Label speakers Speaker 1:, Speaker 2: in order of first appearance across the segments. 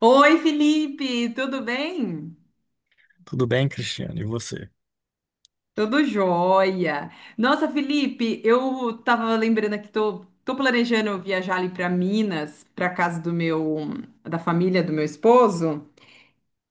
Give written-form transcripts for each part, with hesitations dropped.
Speaker 1: Oi, Felipe, tudo bem?
Speaker 2: Tudo bem, Cristiano? E você?
Speaker 1: Tudo jóia. Nossa, Felipe, eu tava lembrando aqui, tô planejando viajar ali para Minas, para casa da família do meu esposo.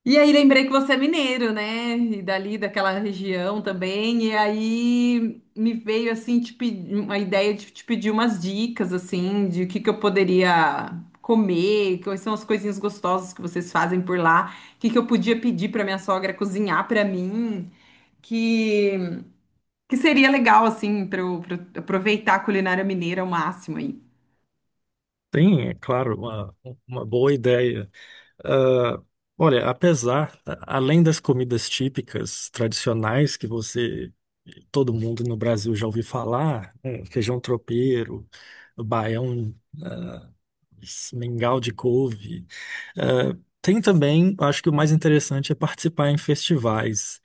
Speaker 1: E aí lembrei que você é mineiro, né? E dali daquela região também. E aí me veio assim uma ideia de te pedir umas dicas assim de o que que eu poderia comer, quais são as coisinhas gostosas que vocês fazem por lá, o que que eu podia pedir para minha sogra cozinhar para mim, que que seria legal assim pra eu aproveitar a culinária mineira ao máximo aí.
Speaker 2: Tem, é claro, uma boa ideia. Ah, olha, além das comidas típicas tradicionais todo mundo no Brasil já ouviu falar, né, feijão tropeiro, baião, ah, mingau de couve, ah, tem também, acho que o mais interessante é participar em festivais.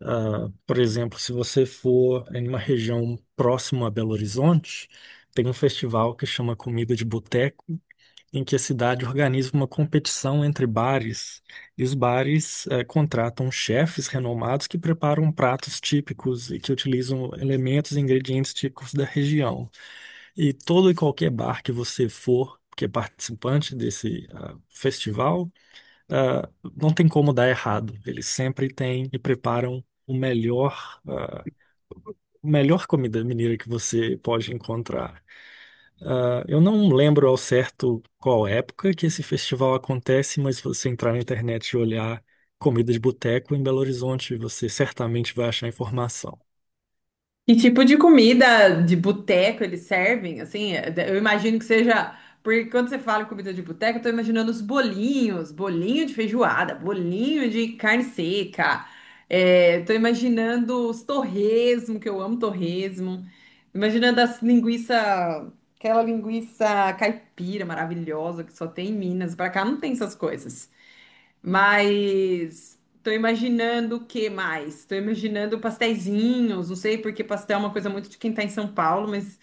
Speaker 2: Ah, por exemplo, se você for em uma região próxima a Belo Horizonte, tem um festival que chama Comida de Boteco, em que a cidade organiza uma competição entre bares, e os bares contratam chefes renomados que preparam pratos típicos e que utilizam elementos e ingredientes típicos da região. E todo e qualquer bar que você for, que é participante desse festival, ah, não tem como dar errado. Eles sempre têm e preparam o melhor, melhor comida mineira que você pode encontrar. Ah, eu não lembro ao certo qual época que esse festival acontece, mas se você entrar na internet e olhar comida de boteco em Belo Horizonte, você certamente vai achar informação.
Speaker 1: Que tipo de comida de boteco eles servem? Assim, eu imagino que seja. Porque quando você fala em comida de boteco, eu tô imaginando os bolinhos, bolinho de feijoada, bolinho de carne seca. É, tô imaginando os torresmo, que eu amo torresmo. Imaginando as linguiça, aquela linguiça caipira maravilhosa que só tem em Minas. Pra cá não tem essas coisas. Mas tô imaginando o que mais? Tô imaginando pasteizinhos, não sei porque pastel é uma coisa muito de quem tá em São Paulo, mas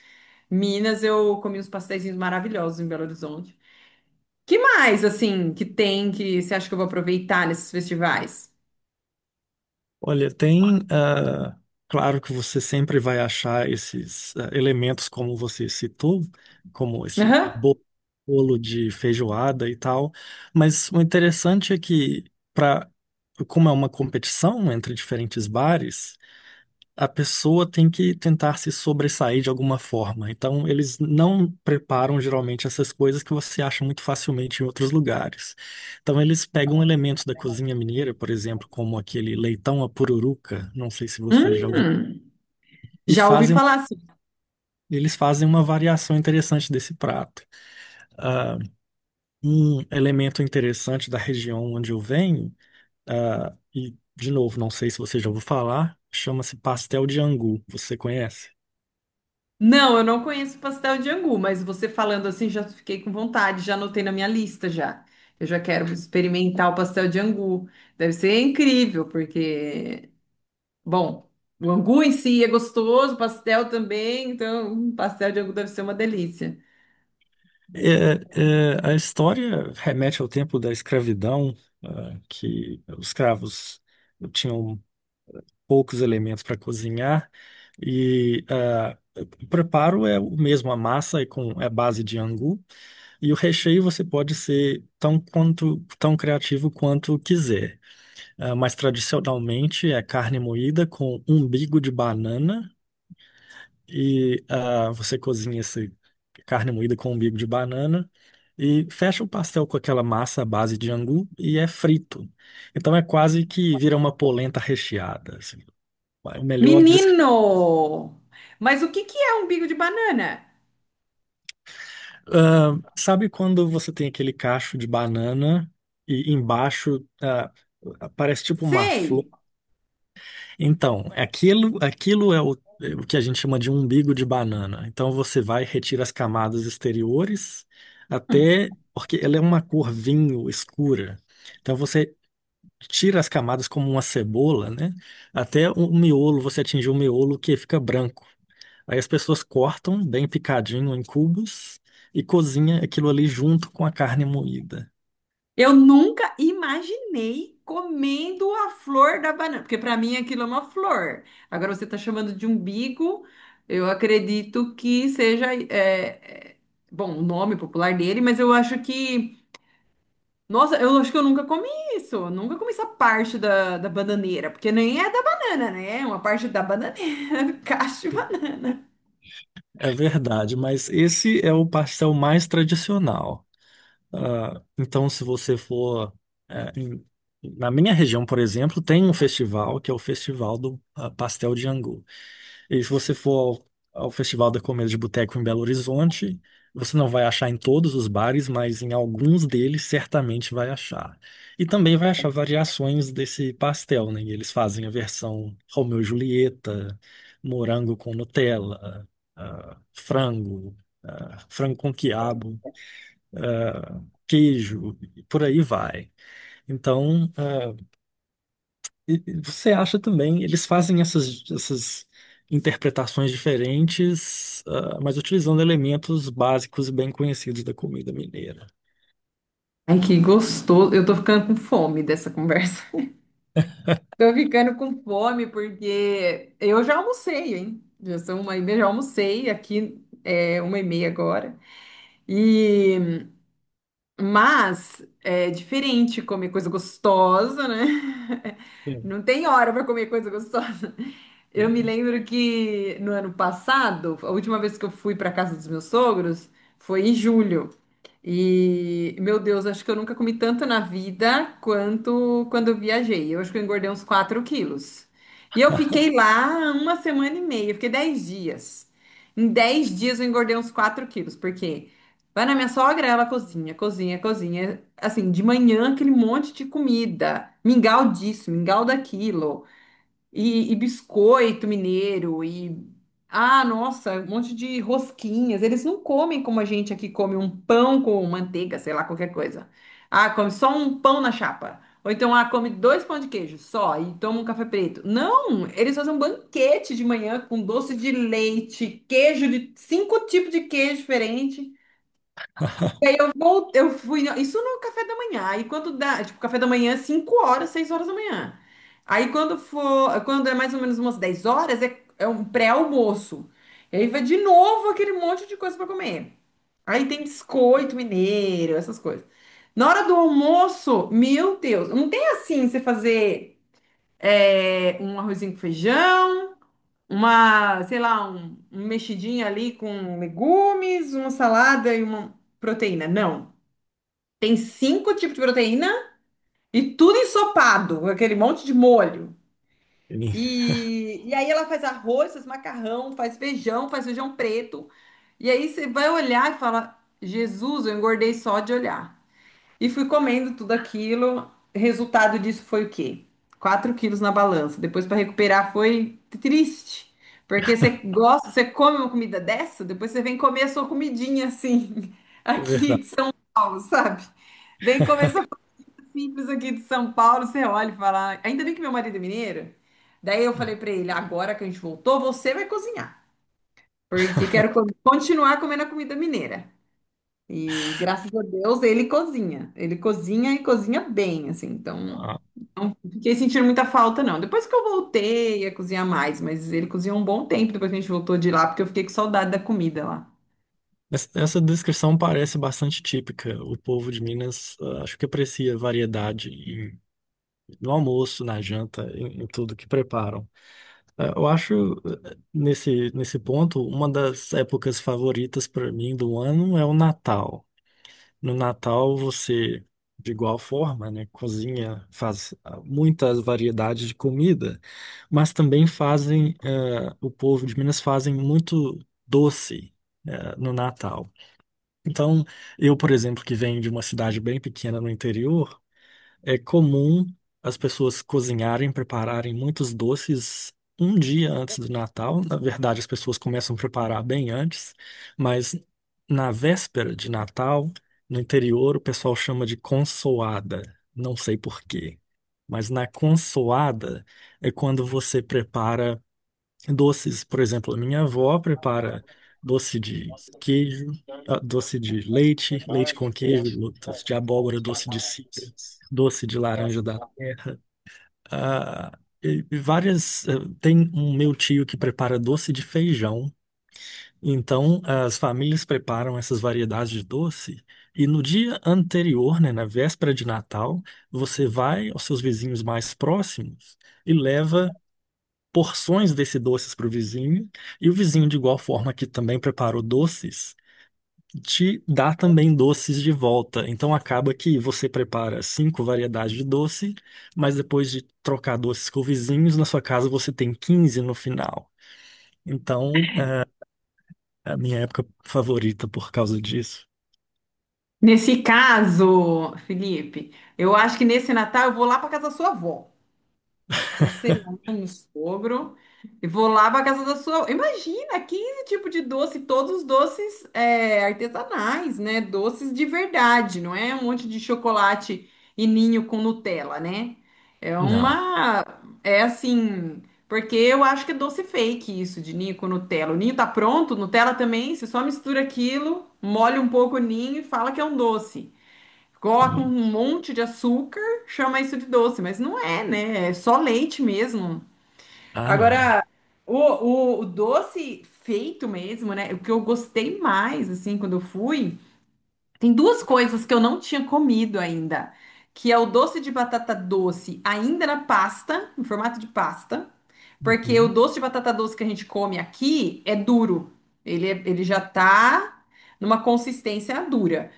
Speaker 1: Minas eu comi uns pasteizinhos maravilhosos em Belo Horizonte. Que mais, assim, que tem que você acha que eu vou aproveitar nesses festivais?
Speaker 2: Olha, tem. Claro que você sempre vai achar esses elementos, como você citou, como esse
Speaker 1: Aham.
Speaker 2: bo- bolo de feijoada e tal, mas o interessante é que, pra, como é uma competição entre diferentes bares, a pessoa tem que tentar se sobressair de alguma forma. Então, eles não preparam geralmente essas coisas que você acha muito facilmente em outros lugares. Então, eles pegam elementos da cozinha mineira, por exemplo, como aquele leitão à pururuca, não sei se você já ouviu,
Speaker 1: Hum,
Speaker 2: e
Speaker 1: já ouvi
Speaker 2: fazem,
Speaker 1: falar assim.
Speaker 2: eles fazem uma variação interessante desse prato. Ah, um elemento interessante da região onde eu venho, ah, e de novo, não sei se você já ouviu falar, chama-se pastel de angu. Você conhece?
Speaker 1: Não, eu não conheço pastel de angu, mas você falando assim, já fiquei com vontade, já anotei na minha lista já. Eu já quero experimentar o pastel de angu. Deve ser incrível. Porque Bom, o angu em si é gostoso, pastel também, então um pastel de angu deve ser uma delícia.
Speaker 2: A história remete ao tempo da escravidão, que os escravos tinham poucos elementos para cozinhar e o preparo é o mesmo, a massa é com base de angu e o recheio você pode ser tão criativo quanto quiser. Ah, mas tradicionalmente é carne moída com umbigo de banana e você cozinha essa carne moída com umbigo de banana e fecha o pastel com aquela massa à base de angu e é frito. Então é quase que vira uma polenta recheada, assim. É o melhor descri-
Speaker 1: Menino! Mas o que que é umbigo de banana?
Speaker 2: Ah, sabe quando você tem aquele cacho de banana e embaixo parece tipo uma flor.
Speaker 1: Sei!
Speaker 2: Então, aquilo é o que a gente chama de umbigo de banana. Então você vai, retira as camadas exteriores até, porque ela é uma cor vinho escura. Então você tira as camadas como uma cebola, né? Até o miolo, você atingir o miolo que fica branco. Aí as pessoas cortam bem picadinho em cubos e cozinha aquilo ali junto com a carne moída.
Speaker 1: Eu nunca imaginei comendo a flor da banana, porque para mim aquilo é uma flor. Agora você está chamando de umbigo, eu acredito que seja, bom, o nome popular dele, mas eu acho que Nossa, eu acho que eu nunca comi isso. Eu nunca comi essa parte da bananeira, porque nem é da banana, né? É uma parte da bananeira, do cacho de banana.
Speaker 2: É verdade, mas esse é o pastel mais tradicional. Então, se você for. eh, em- Na minha região, por exemplo, tem um festival que é o Festival do Pastel de Angu. E se você for ao Festival da Comida de Boteco em Belo Horizonte, você não vai achar em todos os bares, mas em alguns deles certamente vai achar. E também vai achar variações desse pastel, né? Eles fazem a versão Romeu e Julieta, morango com Nutella, ah, frango, ah, frango com quiabo, queijo, e por aí vai. Então, e você acha também, eles fazem essas interpretações diferentes, ah, mas utilizando elementos básicos e bem conhecidos da comida mineira.
Speaker 1: Ai, que gostoso. Eu tô ficando com fome dessa conversa. Tô ficando com fome porque eu já almocei, hein? Já são 1h30, já almocei aqui, é 1h30 agora. E Mas é diferente comer coisa gostosa, né?
Speaker 2: Sim,
Speaker 1: Não tem hora para comer coisa gostosa. Eu me
Speaker 2: sim.
Speaker 1: lembro que no ano passado, a última vez que eu fui para casa dos meus sogros foi em julho. E, meu Deus, acho que eu nunca comi tanto na vida quanto quando eu viajei. Eu acho que eu engordei uns 4 quilos. E eu fiquei lá uma semana e meia, eu fiquei 10 dias. Em 10 dias eu engordei uns 4 quilos, porque vai na minha sogra, ela cozinha, cozinha, cozinha. Assim, de manhã aquele monte de comida, mingau disso, mingau daquilo. E biscoito mineiro. Ah, nossa, um monte de rosquinhas. Eles não comem como a gente aqui come um pão com manteiga, sei lá, qualquer coisa. Ah, come só um pão na chapa. Ou então, ah, come dois pão de queijo só e toma um café preto. Não, eles fazem um banquete de manhã com doce de leite, queijo de cinco tipos de queijo diferente. Bom, eu fui. Isso no café da manhã. Aí quando dá, tipo, café da manhã, 5 horas, 6 horas da manhã. Aí quando for, quando é mais ou menos umas 10 horas, é, é um pré-almoço. E aí vai de novo aquele monte de coisa para comer. Aí tem biscoito mineiro, essas coisas. Na hora do almoço, meu Deus, não tem assim você fazer é, um arrozinho com feijão, uma, sei lá, um mexidinho ali com legumes, uma salada e uma proteína. Não. Tem cinco tipos de proteína e tudo ensopado, aquele monte de molho.
Speaker 2: Sim.
Speaker 1: E aí ela faz arroz, faz macarrão, faz feijão preto. E aí você vai olhar e fala: Jesus, eu engordei só de olhar. E fui comendo tudo aquilo. Resultado disso foi o quê? 4 quilos na balança. Depois para recuperar foi triste. Porque você gosta, você come uma comida dessa, depois você vem comer a sua comidinha assim,
Speaker 2: É
Speaker 1: aqui
Speaker 2: verdade.
Speaker 1: de São Paulo, sabe? Vem comer simples aqui de São Paulo, você olha e fala. Ainda bem que meu marido é mineiro. Daí eu falei pra ele: agora que a gente voltou, você vai cozinhar. Porque quero continuar comendo a comida mineira. E graças a Deus ele cozinha. Ele cozinha e cozinha bem, assim. Então,
Speaker 2: Ah,
Speaker 1: não fiquei sentindo muita falta, não. Depois que eu voltei a cozinhar mais, mas ele cozinhou um bom tempo depois que a gente voltou de lá, porque eu fiquei com saudade da comida lá.
Speaker 2: essa descrição parece bastante típica. O povo de Minas, ah, acho que aprecia variedade no almoço, na janta, em tudo que preparam. É, eu acho, nesse ponto, uma das épocas favoritas para mim do ano é o Natal. No Natal, você, de igual forma, né, cozinha, faz muitas variedades de comida, mas também fazem, eh, o povo de Minas fazem muito doce, eh, no Natal. Então, eu, por exemplo, que venho de uma cidade bem pequena no interior, é comum as pessoas cozinharem, prepararem muitos doces um dia antes do Natal. Na verdade, as pessoas começam a preparar bem antes, mas na véspera de Natal, no interior, o pessoal chama de consoada. Não sei por quê. Mas na consoada é quando você prepara doces. Por exemplo, a minha avó prepara doce de queijo, ah, doce de leite, leite com queijo, doce de abóbora, doce de cidra, doce de laranja da terra. Ah, e várias. Tem um meu tio que prepara doce de feijão. Então, as famílias preparam essas variedades de doce e no dia anterior, né, na véspera de Natal, você vai aos seus vizinhos mais próximos e leva porções desse doces para o vizinho, e o vizinho, de igual forma que também preparou doces, te dá também doces de volta. Então acaba que você prepara 5 variedades de doce, mas depois de trocar doces com vizinhos, na sua casa você tem 15 no final. Então, é a minha época favorita por causa disso.
Speaker 1: Nesse caso, Felipe, eu acho que nesse Natal eu vou lá pra casa da sua avó. Vou cancelar meu sogro e vou lá para casa da sua. Imagina, 15 tipos de doce, todos os doces é, artesanais, né? Doces de verdade, não é um monte de chocolate e ninho com Nutella, né? É
Speaker 2: Não.
Speaker 1: uma. É assim. Porque eu acho que é doce fake isso de ninho com Nutella. O ninho tá pronto, Nutella também. Você só mistura aquilo, molha um pouco o ninho e fala que é um doce. Coloca um
Speaker 2: Sim.
Speaker 1: monte de açúcar, chama isso de doce, mas não é, né? É só leite mesmo.
Speaker 2: Ah, não.
Speaker 1: Agora, o doce feito mesmo, né? O que eu gostei mais, assim, quando eu fui, tem duas coisas que eu não tinha comido ainda, que é o doce de batata doce, ainda na pasta, em formato de pasta, porque o
Speaker 2: Uhum.
Speaker 1: doce de batata doce que a gente come aqui é duro. Ele, ele já tá numa consistência dura.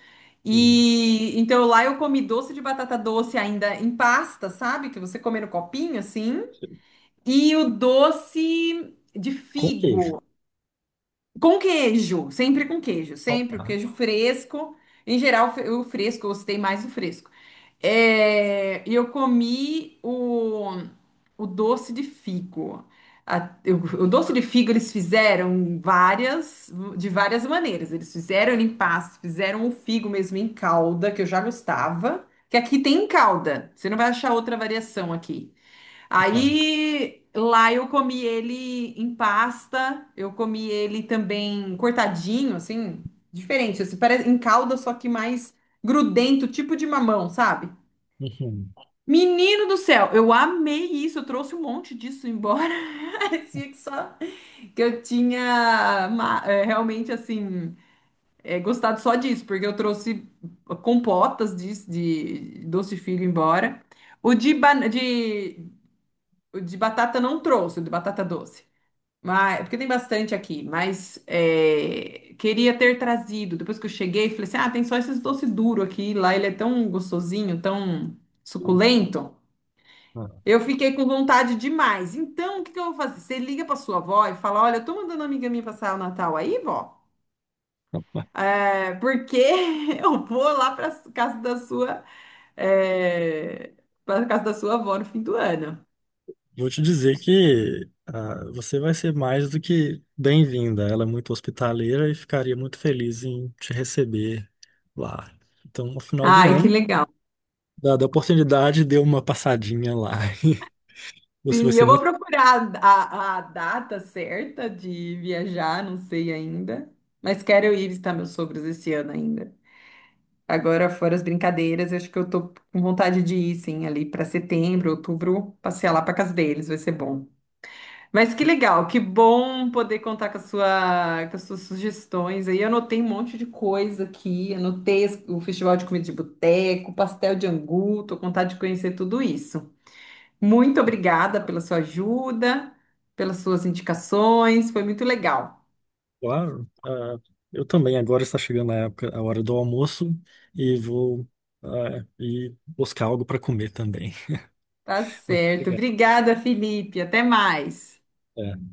Speaker 2: Sim.
Speaker 1: E então lá eu comi doce de batata doce ainda em pasta, sabe? Que você come no copinho assim. E o doce de
Speaker 2: Com queijo.
Speaker 1: figo. Com queijo, sempre o
Speaker 2: Faltar.
Speaker 1: queijo fresco. Em geral, o fresco, eu gostei mais do fresco. É, e eu comi o doce de figo. A- o doce de figo eles fizeram várias, de várias maneiras. Eles fizeram em pastos, fizeram o figo mesmo em calda, que eu já gostava. Que aqui tem em calda. Você não vai achar outra variação aqui. Aí lá eu comi ele em pasta, eu comi ele também cortadinho, assim, diferente, assim, parece em calda, só que mais grudento, tipo de mamão, sabe?
Speaker 2: Uhum.
Speaker 1: Menino do céu, eu amei isso, eu trouxe um monte disso embora. Parecia que só que eu tinha realmente assim gostado só disso, porque eu trouxe compotas disso, de doce de figo embora. O de, ban- de o de batata não trouxe, o de batata doce. Mas, porque tem bastante aqui, mas é, queria ter trazido. Depois que eu cheguei, falei assim: ah, tem só esses doce duro aqui. Lá ele é tão gostosinho, tão
Speaker 2: Uhum.
Speaker 1: suculento. Eu fiquei com vontade demais. Então, o que que eu vou fazer? Você liga pra sua avó e fala: olha, eu tô mandando uma amiga minha passar o Natal aí, vó,
Speaker 2: Ah.
Speaker 1: porque eu vou lá pra casa da sua, é, pra casa da sua avó no fim do ano.
Speaker 2: Eu vou te dizer que ah, você vai ser mais do que bem-vinda. Ela é muito hospitaleira e ficaria muito feliz em te receber lá. Então, no final do
Speaker 1: Ai, que
Speaker 2: ano,
Speaker 1: legal.
Speaker 2: dada a oportunidade, dê uma passadinha lá. Você vai
Speaker 1: Sim,
Speaker 2: ser
Speaker 1: eu vou
Speaker 2: muito
Speaker 1: procurar a data certa de viajar, não sei ainda. Mas quero ir visitar meus sogros esse ano ainda. Agora, fora as brincadeiras, eu acho que eu tô com vontade de ir, sim, ali para setembro, outubro, passear lá para casa deles, vai ser bom. Mas que legal, que bom poder contar com a sua, com as suas sugestões. Aí eu anotei um monte de coisa aqui, anotei o Festival de Comida de Boteco, pastel de angu, tô com vontade de conhecer tudo isso. Muito obrigada pela sua ajuda, pelas suas indicações, foi muito legal.
Speaker 2: claro. Ah, eu também, agora está chegando a época, a hora do almoço e vou ir buscar algo para comer também.
Speaker 1: Tá
Speaker 2: Muito
Speaker 1: certo.
Speaker 2: obrigado.
Speaker 1: Obrigada, Felipe. Até mais.
Speaker 2: É.